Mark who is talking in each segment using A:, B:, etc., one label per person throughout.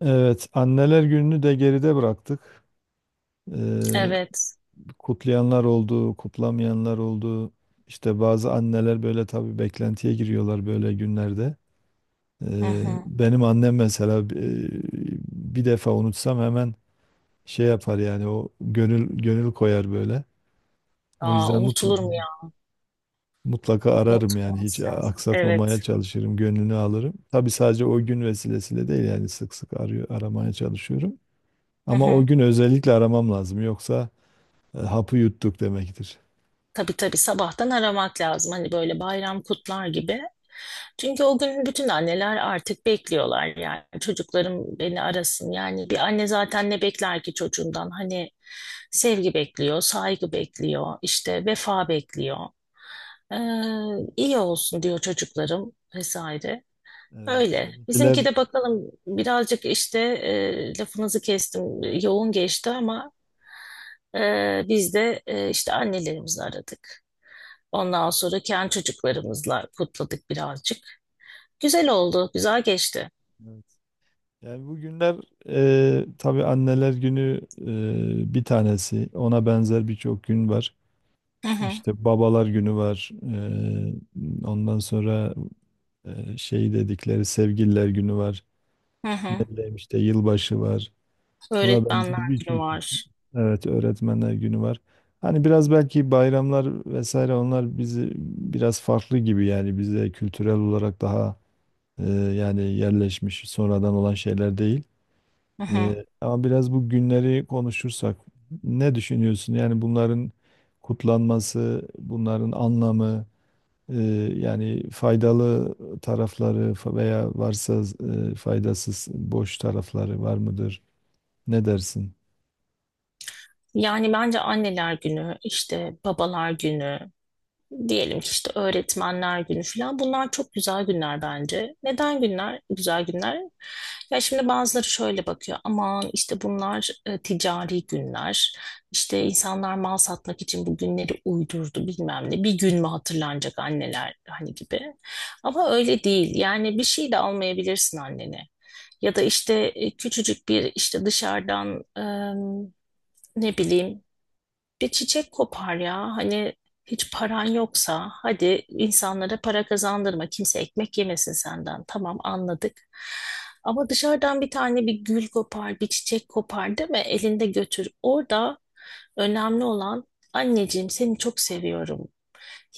A: Evet, Anneler Günü'nü de geride bıraktık. Ee,
B: Evet.
A: kutlayanlar oldu, kutlamayanlar oldu. İşte bazı anneler böyle tabii beklentiye giriyorlar böyle günlerde.
B: Hı hı.
A: Benim annem mesela bir defa unutsam hemen şey yapar yani o gönül gönül koyar böyle. O
B: Aa,
A: yüzden
B: unutulur mu
A: mutl-
B: ya?
A: Mutlaka ararım yani hiç
B: Unutulmaz lazım. Evet.
A: aksatmamaya çalışırım, gönlünü alırım. Tabii sadece o gün vesilesiyle değil yani sık sık arıyor, aramaya çalışıyorum.
B: Hı
A: Ama o
B: hı.
A: gün özellikle aramam lazım yoksa hapı yuttuk demektir.
B: Tabii tabii sabahtan aramak lazım. Hani böyle bayram kutlar gibi. Çünkü o gün bütün anneler artık bekliyorlar yani. Çocuklarım beni arasın. Yani bir anne zaten ne bekler ki çocuğundan? Hani sevgi bekliyor, saygı bekliyor, işte vefa bekliyor. Ee, iyi olsun diyor çocuklarım vesaire.
A: Evet,
B: Öyle. Bizimki
A: seninkiler.
B: de bakalım birazcık işte lafınızı kestim, yoğun geçti, ama biz de işte annelerimizi aradık. Ondan sonra kendi çocuklarımızla kutladık birazcık. Güzel oldu, güzel geçti.
A: Evet. Yani bugünler tabii anneler günü bir tanesi. Ona benzer birçok gün var.
B: Hı hı,
A: İşte babalar günü var. E, ondan sonra şey dedikleri sevgililer günü var.
B: hı
A: Ne
B: hı.
A: bileyim işte yılbaşı var. Buna
B: Öğretmenler
A: benzer
B: günü
A: birçok gün.
B: var.
A: Evet, öğretmenler günü var. Hani biraz belki bayramlar vesaire onlar bizi biraz farklı gibi yani bizde kültürel olarak daha yani yerleşmiş sonradan olan şeyler değil.
B: Hı hı.
A: Ama biraz bu günleri konuşursak ne düşünüyorsun? Yani bunların kutlanması, bunların anlamı, e, yani faydalı tarafları veya varsa faydasız boş tarafları var mıdır? Ne dersin?
B: Yani bence anneler günü, işte babalar günü. Diyelim ki işte öğretmenler günü falan. Bunlar çok güzel günler bence. Neden günler? Güzel günler. Ya şimdi bazıları şöyle bakıyor. Aman, işte bunlar ticari günler. İşte insanlar mal satmak için bu günleri uydurdu, bilmem ne. Bir gün mü hatırlanacak anneler hani gibi. Ama öyle değil. Yani bir şey de almayabilirsin annene. Ya da işte küçücük bir işte, dışarıdan ne bileyim bir çiçek kopar ya. Hani hiç paran yoksa hadi, insanlara para kazandırma. Kimse ekmek yemesin senden. Tamam, anladık. Ama dışarıdan bir tane bir gül kopar, bir çiçek kopar, değil mi? Elinde götür. Orada önemli olan, anneciğim seni çok seviyorum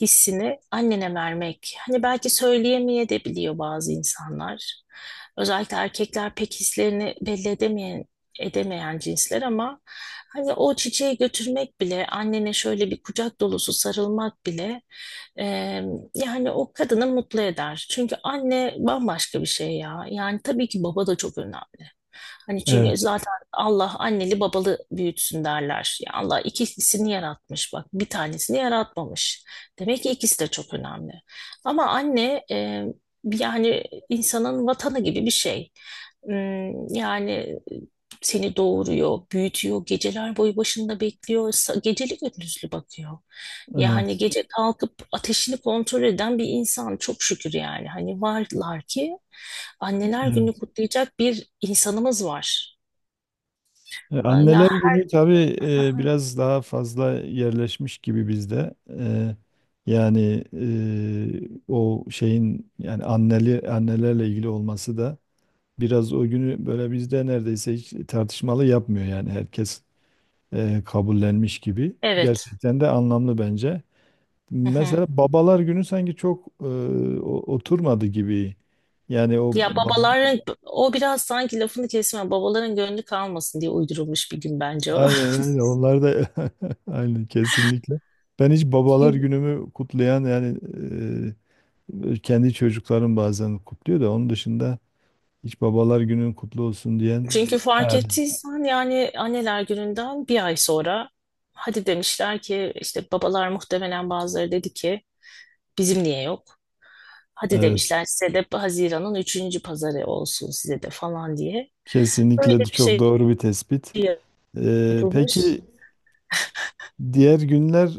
B: hissini annene vermek. Hani belki söyleyemeye de biliyor bazı insanlar. Özellikle erkekler pek hislerini belli edemeyen cinsler, ama hani o çiçeği götürmek bile, annene şöyle bir kucak dolusu sarılmak bile e, yani o kadını mutlu eder. Çünkü anne bambaşka bir şey ya. Yani tabii ki baba da çok önemli. Hani çünkü
A: Evet,
B: zaten Allah anneli babalı büyütsün derler. Ya Allah ikilisini yaratmış bak, bir tanesini yaratmamış. Demek ki ikisi de çok önemli. Ama anne yani insanın vatanı gibi bir şey. Yani seni doğuruyor, büyütüyor, geceler boyu başında bekliyor, geceli gündüzlü bakıyor. Yani
A: evet,
B: gece kalkıp ateşini kontrol eden bir insan, çok şükür yani. Hani varlar ki anneler günü
A: evet.
B: kutlayacak bir insanımız var. Aa, ya
A: Anneler günü tabii biraz daha fazla yerleşmiş gibi bizde. Yani o şeyin yani annelerle ilgili olması da biraz o günü böyle bizde neredeyse hiç tartışmalı yapmıyor yani herkes kabullenmiş gibi.
B: evet.
A: Gerçekten de anlamlı bence. Mesela babalar günü sanki çok oturmadı gibi. Yani o
B: Ya
A: baba.
B: babaların o biraz sanki, lafını kesme, babaların gönlü kalmasın diye uydurulmuş bir gün bence o.
A: Aynen aynen onlar da aynen kesinlikle. Ben hiç babalar
B: Çünkü,
A: günümü kutlayan yani kendi çocuklarım bazen kutluyor da onun dışında hiç babalar günün kutlu olsun diyen.
B: çünkü fark
A: Evet,
B: ettiysen yani anneler gününden bir ay sonra hadi demişler ki işte, babalar muhtemelen bazıları dedi ki bizim niye yok? Hadi
A: evet,
B: demişler, size de Haziran'ın üçüncü pazarı olsun size de falan diye. Öyle
A: kesinlikle de
B: bir
A: çok
B: şey
A: doğru bir tespit.
B: yapılmış.
A: Peki diğer günler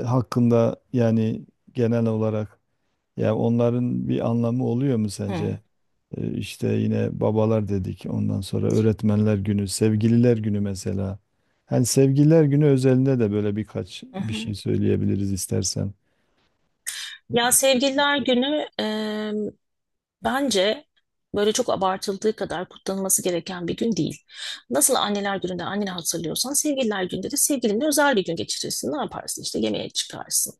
A: hakkında yani genel olarak ya onların bir anlamı oluyor mu
B: Hı,
A: sence? İşte yine babalar dedik. Ondan sonra öğretmenler günü, sevgililer günü mesela. Hani sevgililer günü özelinde de böyle birkaç
B: hı
A: bir
B: hı.
A: şey söyleyebiliriz istersen.
B: Ya sevgililer günü, bence böyle çok abartıldığı kadar kutlanılması gereken bir gün değil. Nasıl anneler gününde anneni hatırlıyorsan, sevgililer gününde de sevgilinle özel bir gün geçirirsin. Ne yaparsın? İşte yemeğe çıkarsın.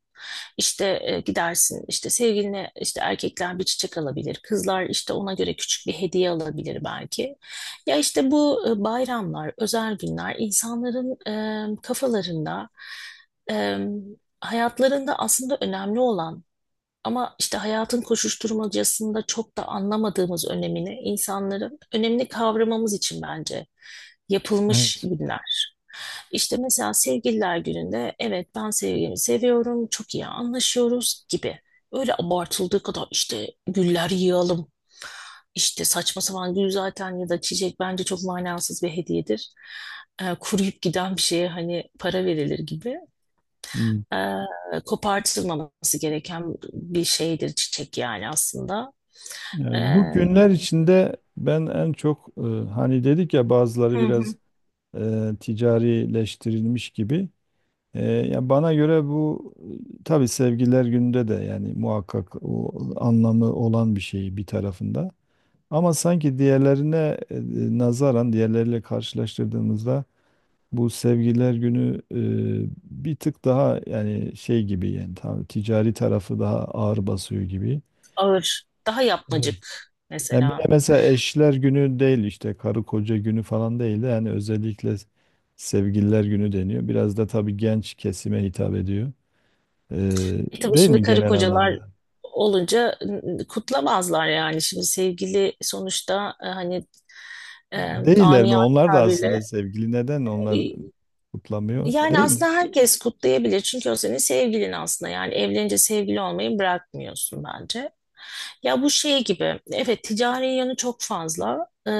B: İşte gidersin. İşte sevgiline, işte erkekler bir çiçek alabilir. Kızlar işte ona göre küçük bir hediye alabilir belki. Ya işte bu bayramlar, özel günler, insanların kafalarında, e, hayatlarında aslında önemli olan, ama işte hayatın koşuşturmacasında çok da anlamadığımız önemini, insanların önemini kavramamız için bence yapılmış
A: Evet.
B: günler. İşte mesela sevgililer gününde, evet, ben sevgilimi seviyorum, çok iyi anlaşıyoruz gibi. Öyle abartıldığı kadar işte güller yığalım, işte saçma sapan. Gül zaten ya da çiçek bence çok manasız bir hediyedir. Kuruyup giden bir şeye hani para verilir gibi,
A: Hmm.
B: e, kopartılmaması gereken bir şeydir çiçek yani aslında.
A: Yani
B: E,
A: bu günler içinde ben en çok hani dedik ya
B: Hı
A: bazıları
B: hı.
A: biraz ticarileştirilmiş gibi. Ya bana göre bu tabii sevgililer gününde de yani muhakkak o anlamı olan bir şey bir tarafında. Ama sanki diğerlerine e, nazaran diğerleriyle karşılaştırdığımızda bu sevgililer günü bir tık daha yani şey gibi yani tam ticari tarafı daha ağır basıyor gibi.
B: Ağır, daha
A: Evet.
B: yapmacık
A: Yani bir de
B: mesela.
A: mesela eşler günü değil işte karı koca günü falan değil de yani özellikle sevgililer günü deniyor. Biraz da tabii genç kesime hitap ediyor.
B: E tabii
A: Değil
B: şimdi
A: mi
B: karı
A: genel anlamda?
B: kocalar olunca kutlamazlar yani. Şimdi sevgili sonuçta hani
A: Değiller mi?
B: namiyane
A: Onlar da aslında
B: tabirle
A: sevgili. Neden onlar
B: e,
A: kutlamıyor?
B: yani
A: Değil mi?
B: aslında herkes kutlayabilir. Çünkü o senin sevgilin aslında. Yani evlenince sevgili olmayı bırakmıyorsun bence. Ya bu şey gibi, evet, ticari yanı çok fazla.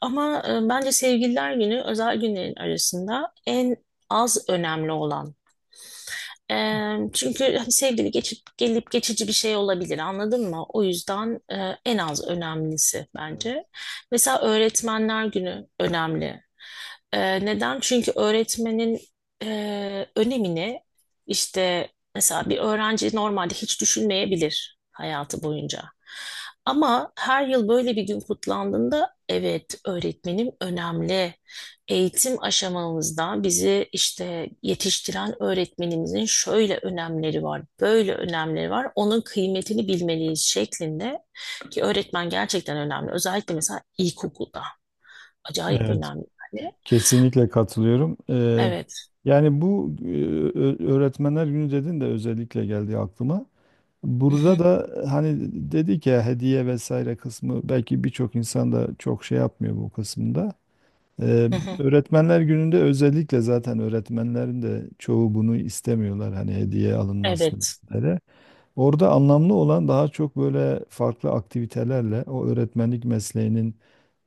B: Ama bence Sevgililer Günü özel günlerin arasında en az önemli olan, çünkü hani sevgili geçip gelip geçici bir şey olabilir, anladın mı? O yüzden en az önemlisi
A: Evet.
B: bence. Mesela Öğretmenler Günü önemli. Neden? Çünkü öğretmenin önemini, işte mesela bir öğrenci normalde hiç düşünmeyebilir hayatı boyunca. Ama her yıl böyle bir gün kutlandığında, evet, öğretmenim önemli. Eğitim aşamamızda bizi işte yetiştiren öğretmenimizin şöyle önemleri var, böyle önemleri var. Onun kıymetini bilmeliyiz şeklinde, ki öğretmen gerçekten önemli. Özellikle mesela ilkokulda acayip
A: Evet,
B: önemli yani.
A: kesinlikle katılıyorum.
B: Evet.
A: Yani bu öğretmenler günü dedin de özellikle geldi aklıma.
B: Hı
A: Burada
B: hı,
A: da hani dedik ya hediye vesaire kısmı belki birçok insan da çok şey yapmıyor bu kısımda. Ee,
B: hı hı.
A: öğretmenler gününde özellikle zaten öğretmenlerin de çoğu bunu istemiyorlar hani hediye alınmasını.
B: Evet.
A: Orada anlamlı olan daha çok böyle farklı aktivitelerle o öğretmenlik mesleğinin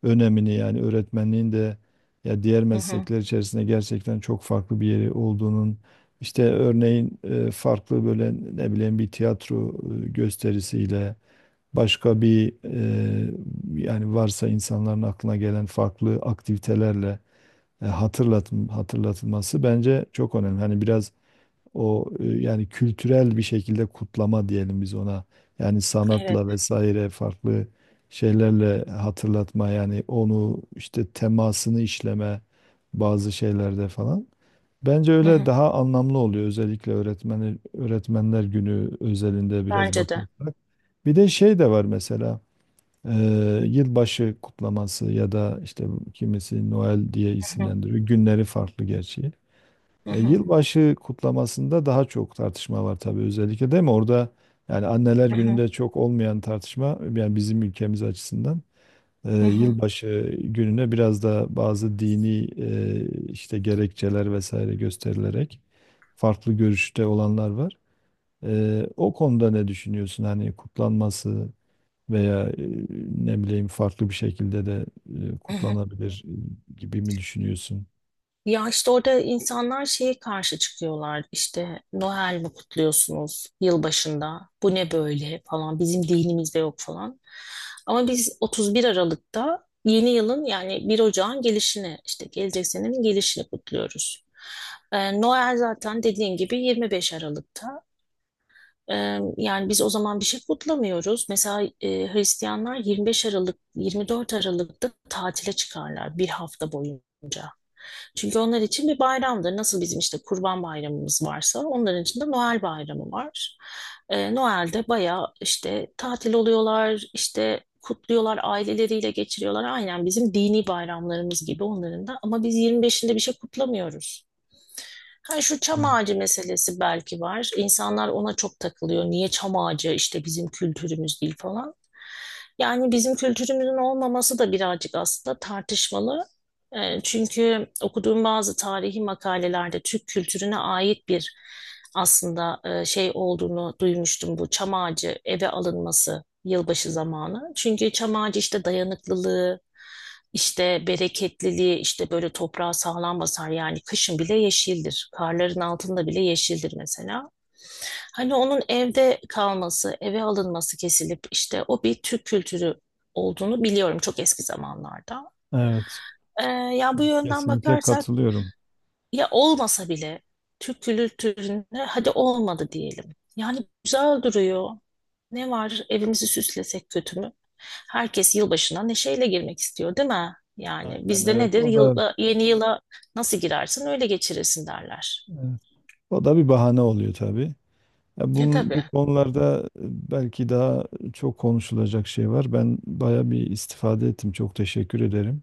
A: önemini yani öğretmenliğin de ya diğer
B: Hı hı,
A: meslekler içerisinde gerçekten çok farklı bir yeri olduğunun işte örneğin farklı böyle ne bileyim bir tiyatro gösterisiyle başka bir yani varsa insanların aklına gelen farklı aktivitelerle hatırlatılması bence çok önemli. Hani biraz o yani kültürel bir şekilde kutlama diyelim biz ona. Yani
B: evet.
A: sanatla vesaire farklı şeylerle hatırlatma yani onu işte temasını işleme bazı şeylerde falan. Bence
B: Hı
A: öyle
B: hı.
A: daha anlamlı oluyor özellikle öğretmenler günü özelinde biraz
B: Bence de.
A: bakarsak. Bir de şey de var mesela e, yılbaşı kutlaması ya da işte kimisi Noel diye
B: Hı hı,
A: isimlendiriyor. Günleri farklı gerçi.
B: hı hı,
A: Yılbaşı kutlamasında daha çok tartışma var tabii özellikle değil mi? Orada yani anneler
B: hı hı,
A: gününde çok olmayan tartışma yani bizim ülkemiz açısından
B: hı hı,
A: yılbaşı gününe biraz da bazı dini işte gerekçeler vesaire gösterilerek farklı görüşte olanlar var. O konuda ne düşünüyorsun? Hani kutlanması veya ne bileyim farklı bir şekilde de
B: hı hı.
A: kutlanabilir gibi mi düşünüyorsun?
B: Ya işte orada insanlar şeye karşı çıkıyorlar, işte Noel mi kutluyorsunuz yılbaşında, bu ne böyle falan, bizim dinimizde yok falan. Ama biz 31 Aralık'ta yeni yılın, yani 1 Ocağın gelişini, işte gelecek senenin gelişini kutluyoruz. Noel zaten, dediğin gibi, 25 Aralık'ta. Yani biz o zaman bir şey kutlamıyoruz. Mesela Hristiyanlar 25 Aralık, 24 Aralık'ta tatile çıkarlar bir hafta boyunca. Çünkü onlar için bir bayramdır. Nasıl bizim işte Kurban Bayramımız varsa, onların için de Noel Bayramı var. Noel'de bayağı işte tatil oluyorlar, işte kutluyorlar, aileleriyle geçiriyorlar. Aynen bizim dini bayramlarımız gibi onların da. Ama biz 25'inde bir şey kutlamıyoruz. Ha, şu çam ağacı meselesi belki var. İnsanlar ona çok takılıyor. Niye çam ağacı, işte bizim kültürümüz değil falan. Yani bizim kültürümüzün olmaması da birazcık aslında tartışmalı. Çünkü okuduğum bazı tarihi makalelerde, Türk kültürüne ait bir aslında şey olduğunu duymuştum, bu çam ağacı eve alınması yılbaşı zamanı. Çünkü çam ağacı işte dayanıklılığı, işte bereketliliği, işte böyle toprağa sağlam basar yani, kışın bile yeşildir. Karların altında bile yeşildir mesela. Hani onun evde kalması, eve alınması, kesilip işte, o bir Türk kültürü olduğunu biliyorum çok eski zamanlarda.
A: Evet,
B: Ee, Ya bu yönden
A: kesinlikle
B: bakarsak,
A: katılıyorum.
B: ya olmasa bile Türk kültüründe, hadi olmadı diyelim. Yani güzel duruyor. Ne var evimizi süslesek, kötü mü? Herkes yılbaşına neşeyle girmek istiyor değil mi? Yani
A: Aynen,
B: bizde
A: evet,
B: nedir?
A: o da
B: Yıla, yeni yıla nasıl girersin öyle geçirirsin derler.
A: evet, o da bir bahane oluyor tabii. Ya
B: E
A: bunun,
B: tabii.
A: bu konularda belki daha çok konuşulacak şey var. Ben baya bir istifade ettim. Çok teşekkür ederim.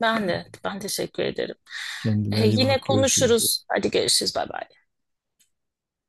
B: Ben de, ben teşekkür ederim.
A: Kendine iyi
B: Yine
A: bak. Görüşürüz.
B: konuşuruz. Hadi görüşürüz. Bay bay.